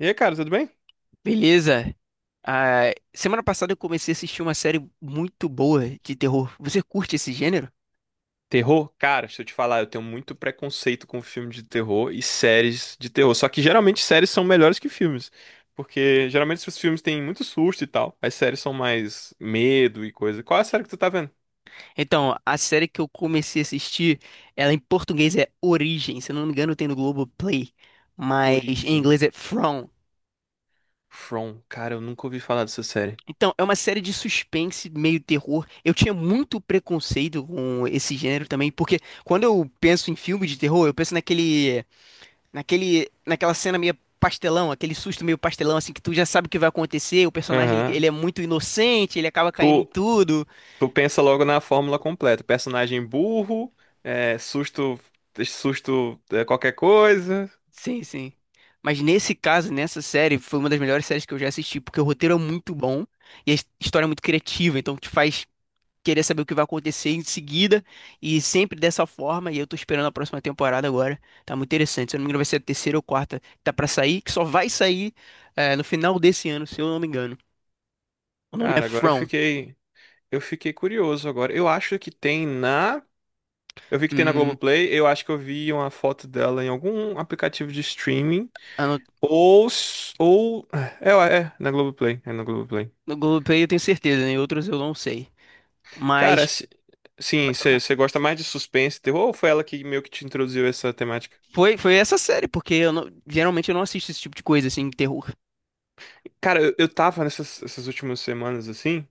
E aí, cara, tudo bem? Beleza? Ah, semana passada eu comecei a assistir uma série muito boa de terror. Você curte esse gênero? Terror? Cara, se eu te falar, eu tenho muito preconceito com filme de terror e séries de terror. Só que geralmente séries são melhores que filmes. Porque geralmente os filmes têm muito susto e tal. As séries são mais medo e coisa. Qual é a série que tu tá vendo? Então, a série que eu comecei a assistir, ela em português é Origem, se eu não me engano tem no Globoplay, mas em Origem. inglês é From. From. Cara, eu nunca ouvi falar dessa série. Então, é uma série de suspense, meio terror. Eu tinha muito preconceito com esse gênero também, porque quando eu penso em filme de terror, eu penso naquele Naquele, naquela cena meio pastelão, aquele susto meio pastelão, assim, que tu já sabe o que vai acontecer, o personagem, ele, Aham. ele é muito inocente, ele acaba caindo em tudo. Tu pensa logo na fórmula completa. Personagem burro, é, susto, susto, é, qualquer coisa. Sim, sim. Mas nesse caso, nessa série, foi uma das melhores séries que eu já assisti, porque o roteiro é muito bom e a história é muito criativa, então te faz querer saber o que vai acontecer em seguida e sempre dessa forma, e eu tô esperando a próxima temporada agora. Tá muito interessante. Se eu não me engano, vai ser a terceira ou quarta. Tá pra sair, que só vai sair no final desse ano, se eu não me engano. O nome é Cara, agora From. Eu fiquei curioso agora. Eu acho que tem na, eu vi que tem na Hum. Globoplay, eu acho que eu vi uma foto dela em algum aplicativo de streaming. Ou, s- ou... É, é, é, na Globoplay, é na Globoplay. No Globoplay eu tenho certeza, né? Em outros eu não sei. Cara, Mas se- sim, pode falar. você gosta mais de suspense, terror, ou foi ela que meio que te introduziu essa temática? Foi essa série, porque eu não- geralmente eu não assisto esse tipo de coisa, assim, terror. Cara, eu tava nessas essas últimas semanas, assim,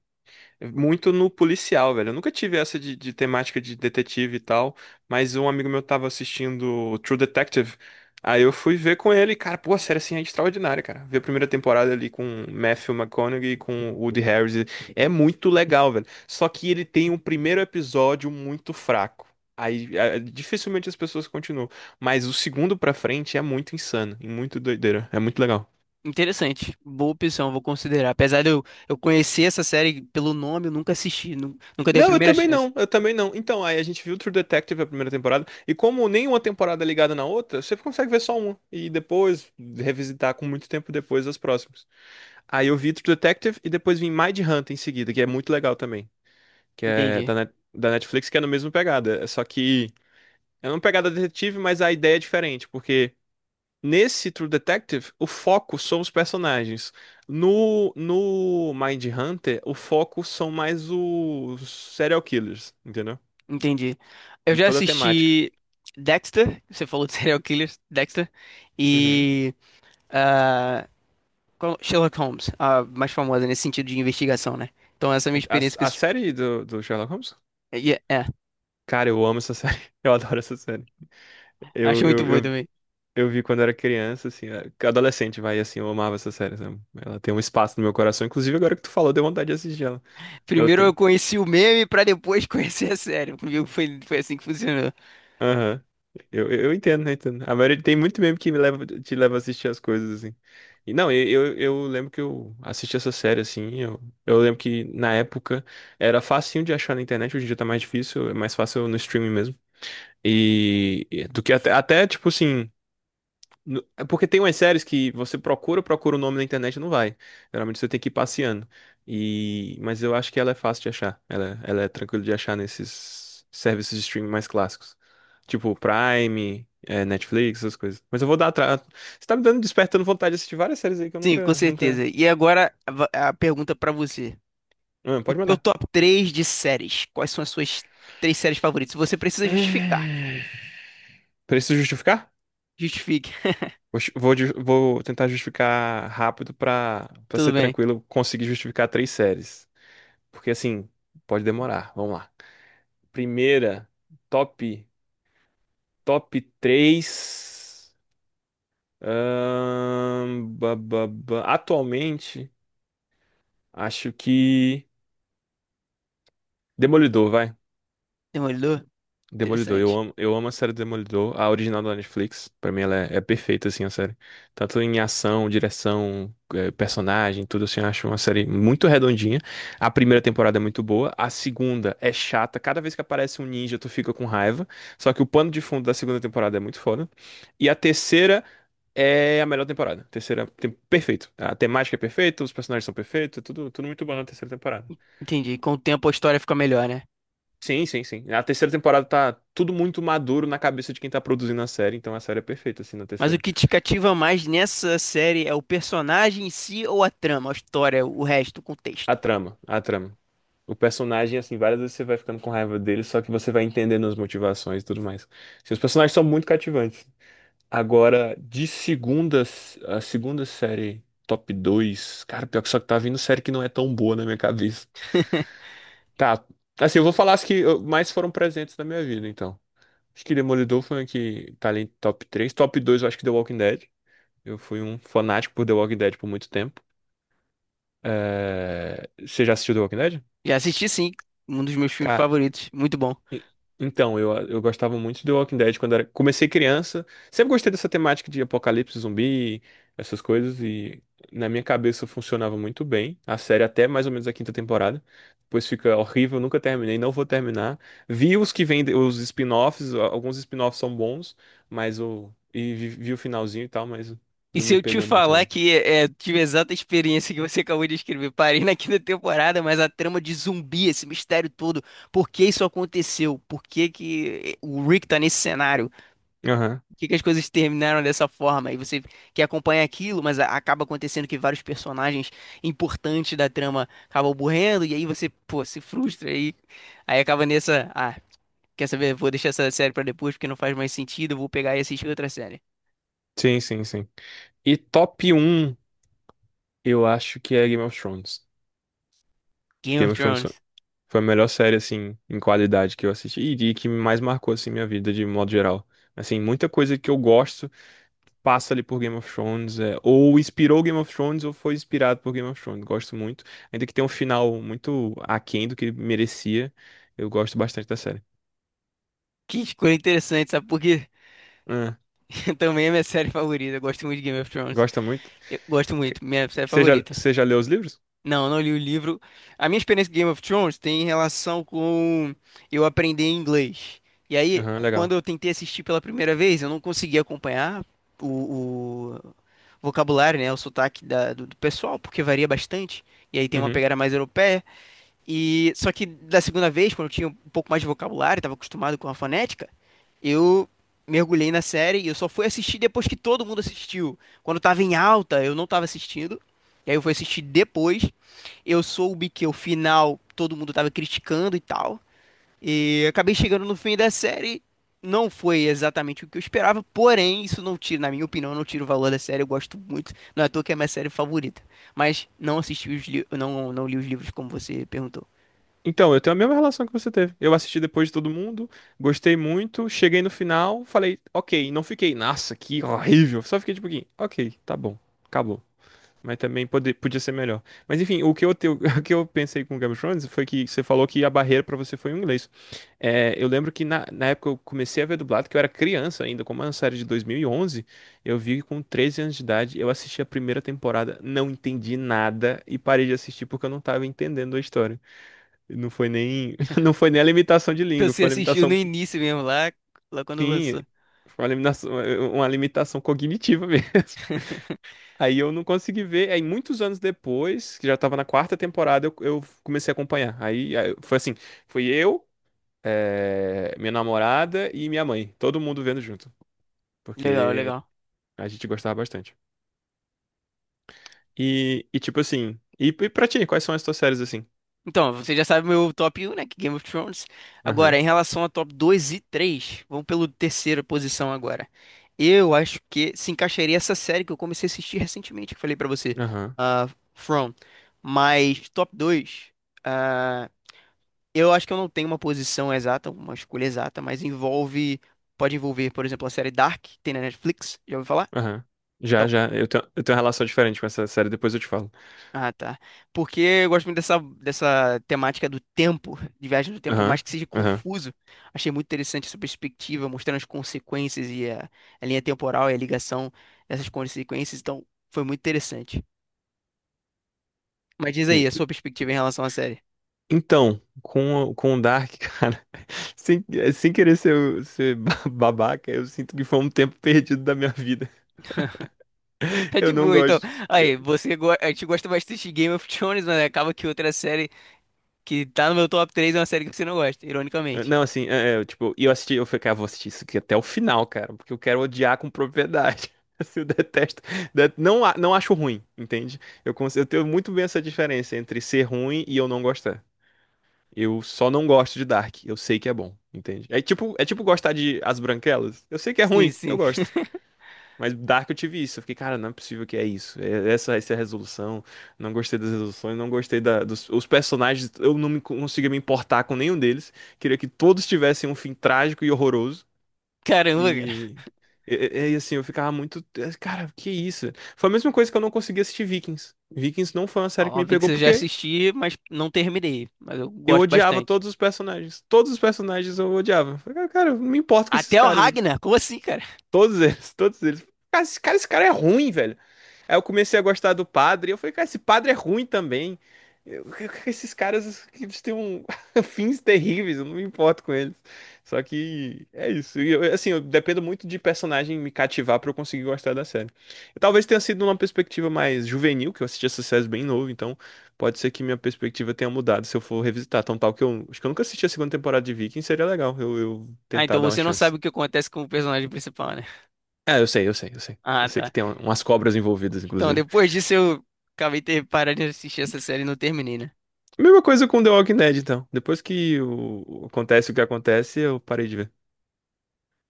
muito no policial, velho. Eu nunca tive essa de temática de detetive e tal, mas um amigo meu tava assistindo True Detective. Aí eu fui ver com ele, e, cara, pô, a série assim é extraordinária, cara. Ver a primeira temporada ali com Matthew McConaughey e com Woody Harrelson é muito legal, velho. Só que ele tem um primeiro episódio muito fraco. Aí dificilmente as pessoas continuam, mas o segundo pra frente é muito insano e muito doideira, é muito legal. Interessante, boa opção, vou considerar. Apesar de eu conhecer essa série pelo nome, eu nunca assisti, nunca dei a Não, eu primeira também chance. não, eu também não. Então, aí a gente viu True Detective a primeira temporada, e como nenhuma temporada é ligada na outra, você consegue ver só uma, e depois revisitar com muito tempo depois as próximas. Aí eu vi True Detective e depois vim Mindhunter em seguida, que é muito legal também, que é Entendi, da, Net- da Netflix, que é na mesma pegada, é só que é uma pegada detetive, mas a ideia é diferente, porque nesse True Detective, o foco são os personagens. No, no Mindhunter, o foco são mais os serial killers, entendeu? entendi. Eu E já toda a temática. assisti Dexter, você falou de serial killer, Dexter, Uhum. e ah, qual- Sherlock Holmes, a mais famosa nesse sentido de investigação, né? Então essa é a minha A, experiência com a esse tipo. série do, do Sherlock Holmes? É, é, Cara, eu amo essa série. Eu adoro essa série. Eu, acho muito eu, boa eu, também. eu vi quando era criança, assim, adolescente, vai, assim, eu amava essa série, sabe? Ela tem um espaço no meu coração. Inclusive, agora que tu falou, deu vontade de assistir ela. Ela Primeiro eu tem. conheci o meme pra depois conhecer a série. Comigo foi, foi assim que funcionou. Aham. Eu entendo, né? Entendo. A maioria tem muito meme que me leva, te leva a assistir as coisas, assim. E não, eu lembro que eu assisti essa série, assim. Eu lembro que na época era facinho de achar na internet, hoje em dia tá mais difícil, é mais fácil no streaming mesmo. E do que até, até tipo assim. No- é Porque tem umas séries que você procura, procura o nome na internet e não vai. Geralmente você tem que ir passeando. E... Mas eu acho que ela é fácil de achar. Ela é tranquila de achar nesses serviços de streaming mais clássicos. Tipo Prime, é, Netflix, essas coisas. Mas eu vou dar atrás. Você tá me dando, despertando vontade de assistir várias séries aí que eu Sim, com nunca, nunca. certeza. E agora a, va- a pergunta pra você. Ah, O pode teu mandar. top 3 de séries. Quais são as suas três séries favoritas? Você precisa justificar. Hum. Preciso justificar? Justifique. Vou, ju- vou ju- vou tentar justificar rápido pra para Tudo ser bem. tranquilo conseguir justificar três séries. Porque assim, pode demorar. Vamos lá. Primeira, top top 3. Atualmente, acho que Demolidor, vai. Demolidor? Demolidor, eu Interessante. amo, eu amo a série Demolidor, a original da Netflix. Pra mim ela é, é perfeita, assim, a série. Tanto em ação, direção, personagem, tudo assim, eu acho uma série muito redondinha. A primeira temporada é muito boa, a segunda é chata. Cada vez que aparece um ninja, tu fica com raiva. Só que o pano de fundo da segunda temporada é muito foda. E a terceira é a melhor temporada. Terceira, tem, perfeito. A temática é perfeita, os personagens são perfeitos, é tudo, tudo muito bom na terceira temporada. Entendi. Com o tempo a história fica melhor, né? Sim, sim, sim. A terceira temporada tá tudo muito maduro na cabeça de quem tá produzindo a série, então a série é perfeita, assim, na Mas o terceira. que te cativa mais nessa série é o personagem em si ou a trama, a história, o resto, o A contexto? trama, a trama. O personagem, assim, várias vezes você vai ficando com raiva dele, só que você vai entendendo as motivações e tudo mais. Assim, os personagens são muito cativantes. Agora, de segunda, a segunda série top 2 cara, pior que só que tá vindo série que não é tão boa na minha cabeça. Tá, assim, eu vou falar as que eu- mais foram presentes na minha vida, então. Acho que Demolidor foi uma que tá ali em top três. Top 2 eu acho que The Walking Dead. Eu fui um fanático por The Walking Dead por muito tempo. É, você já assistiu The Walking Dead? Já assisti sim. Um dos meus filmes Cara, favoritos. Muito bom. então, eu gostava muito de The Walking Dead quando era... comecei criança. Sempre gostei dessa temática de apocalipse zumbi, essas coisas, e na minha cabeça funcionava muito bem. A série até mais ou menos a quinta temporada. Depois fica horrível, nunca terminei, não vou terminar. Vi os que vêm, de- os spin-offs, a- alguns spin-offs são bons, mas o. E vi, vi o finalzinho e tal, mas E não se me eu te pegou muito, falar não. que tive a exata experiência que você acabou de escrever, parei na quinta temporada, mas a trama de zumbi, esse mistério todo, por que isso aconteceu? Por que que o Rick tá nesse cenário? Aham. Por que que as coisas terminaram dessa forma? E você que acompanha aquilo, mas acaba acontecendo que vários personagens importantes da trama acabam morrendo, e aí você, pô, se frustra, aí, aí acaba nessa, ah, quer saber? Vou deixar essa série pra depois porque não faz mais sentido, eu vou pegar e assistir outra série. Sim, sim, sim. E top um eu acho que é Game of Thrones. Game of Game of Thrones Thrones. foi a melhor série, assim, em qualidade que eu assisti e que mais marcou, assim, minha vida de modo geral. Assim, muita coisa que eu gosto passa ali por Game of Thrones, é, ou inspirou Game of Thrones ou foi inspirado por Game of Thrones. Gosto muito. Ainda que tenha um final muito aquém do que ele merecia, eu gosto bastante da série. Que escolha interessante, sabe por quê? Ah, Também é minha série favorita. Eu gosto muito de Game of Thrones. gosta muito? Eu gosto Que- muito, minha série você já, favorita. você já leu os livros? Não, eu não li o livro. A minha experiência com Game of Thrones tem relação com eu aprender inglês. E aí, Aham, quando legal. eu tentei assistir pela primeira vez, eu não consegui acompanhar o, o vocabulário, né? O sotaque do, do pessoal, porque varia bastante. E aí tem uma Uhum. pegada mais europeia. E só que da segunda vez, quando eu tinha um pouco mais de vocabulário, estava acostumado com a fonética, eu mergulhei na série e eu só fui assistir depois que todo mundo assistiu. Quando estava em alta, eu não estava assistindo. E aí eu fui assistir depois. Eu soube que o final todo mundo estava criticando e tal. E acabei chegando no fim da série. Não foi exatamente o que eu esperava, porém, isso não tira, na minha opinião, não tira o valor da série. Eu gosto muito. Não é à toa que é a minha série favorita. Mas não assisti os não, não li os livros como você perguntou. Então, eu tenho a mesma relação que você teve. Eu assisti depois de todo mundo, gostei muito, cheguei no final, falei, ok, não fiquei, nossa, que horrível. Só fiquei tipo, ok, tá bom, acabou. Mas também pode, podia ser melhor. Mas enfim, o que eu, te- o que eu pensei com Game of Thrones foi que você falou que a barreira pra você foi o inglês. É, eu lembro que na época eu comecei a ver dublado, que eu era criança ainda, como é uma série de 2011, eu vi com 13 anos de idade, eu assisti a primeira temporada, não entendi nada e parei de assistir porque eu não tava entendendo a história. Não foi nem, não foi nem a limitação de língua, Você foi a assistiu no limitação, início mesmo, lá, lá quando sim, lançou. foi uma limitação cognitiva mesmo. Aí eu não consegui ver. Aí muitos anos depois, que já tava na quarta temporada, eu comecei a acompanhar. Aí, aí foi assim, foi eu, minha namorada e minha mãe, todo mundo vendo junto, Legal, porque legal. a gente gostava bastante. E tipo assim, e pra ti, quais são as tuas séries assim? Então, você já sabe meu top 1, né? Que é Game of Thrones. Agora, Aham, em relação a top 2 e 3, vamos pelo terceira posição agora. Eu acho que se encaixaria essa série que eu comecei a assistir recentemente, que eu falei pra você, aham, ah, From. Mas top 2, ah, eu acho que eu não tenho uma posição exata, uma escolha exata, mas envolve, pode envolver, por exemplo, a série Dark, que tem na Netflix, já ouviu falar? aham. Já, Então, já, eu tenho uma relação diferente com essa série, depois eu te falo. ah, tá. Porque eu gosto muito dessa, dessa temática do tempo, de viagem do tempo, por Aham, mais que seja aham. confuso. Achei muito interessante essa perspectiva, mostrando as consequências e a linha temporal e a ligação dessas consequências. Então, foi muito interessante. Mas diz aí, a sua E- perspectiva em relação à série. Então, com o Dark, cara, sem, sem querer ser, o- ser ba- babaca, eu sinto que foi um tempo perdido da minha vida. Tá Eu de não boa, então. gosto. Eu- Aí, você go... a gente gosta bastante de Game of Thrones, mas acaba que outra série que tá no meu top 3 é uma série que você não gosta, ironicamente. não, assim, é, é, tipo, e eu assisti, eu falei, cara, vou assistir isso aqui até o final, cara, porque eu quero odiar com propriedade. Assim, eu detesto. Det- não, a- não acho ruim, entende? Eu, cons- eu tenho muito bem essa diferença entre ser ruim e eu não gostar. Eu só não gosto de Dark. Eu sei que é bom, entende? É tipo gostar de As Branquelas. Eu sei que é Sim, ruim, eu sim. gosto. Mas Dark eu tive isso. Eu fiquei, cara, não é possível que é isso. É- essa é a resolução. Não gostei das resoluções, não gostei da- dos os personagens. Eu não me, conseguia me importar com nenhum deles. Queria que todos tivessem um fim trágico e horroroso. Caramba. E. E, e- e, assim, eu ficava muito. Cara, que isso? Foi a mesma coisa que eu não consegui assistir Vikings. Vikings não foi uma série que me Óbvio pegou que eu já porque assisti, mas não terminei. Mas eu eu gosto odiava bastante. todos os personagens. Todos os personagens eu odiava. Eu falei, "Ah, cara, não me importo com esses Até o caras. Ragnar? Como assim, cara? Todos eles, todos eles. Cara, esse cara, esse cara é ruim, velho. Aí eu comecei a gostar do padre, e eu falei, cara, esse padre é ruim também. Eu- esses caras, eles têm um- fins terríveis, eu não me importo com eles. Só que é isso. E eu- assim, eu dependo muito de personagem me cativar pra eu conseguir gostar da série. Eu talvez tenha sido numa perspectiva mais juvenil, que eu assisti essa série bem novo, então pode ser que minha perspectiva tenha mudado se eu for revisitar. Tão tal que eu acho que eu nunca assisti a segunda temporada de Viking, seria legal eu Ah, tentar então dar uma você não chance. sabe o que acontece com o personagem principal, né? Ah, eu sei, eu sei, eu sei. Eu Ah, sei que tá. tem um- umas cobras envolvidas, Então inclusive. depois disso eu acabei ter parado de assistir essa série e não terminei, né? Mesma coisa com The Walking Dead, então. Depois que o- acontece o que acontece, eu parei de ver.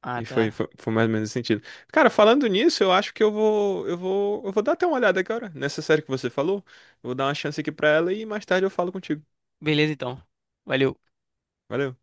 Ah, E foi, tá. foi, foi mais ou menos esse sentido. Cara, falando nisso, eu acho que eu vou, eu vou, eu vou dar até uma olhada agora nessa série que você falou. Vou dar uma chance aqui pra ela e mais tarde eu falo contigo. Beleza, então. Valeu. Valeu.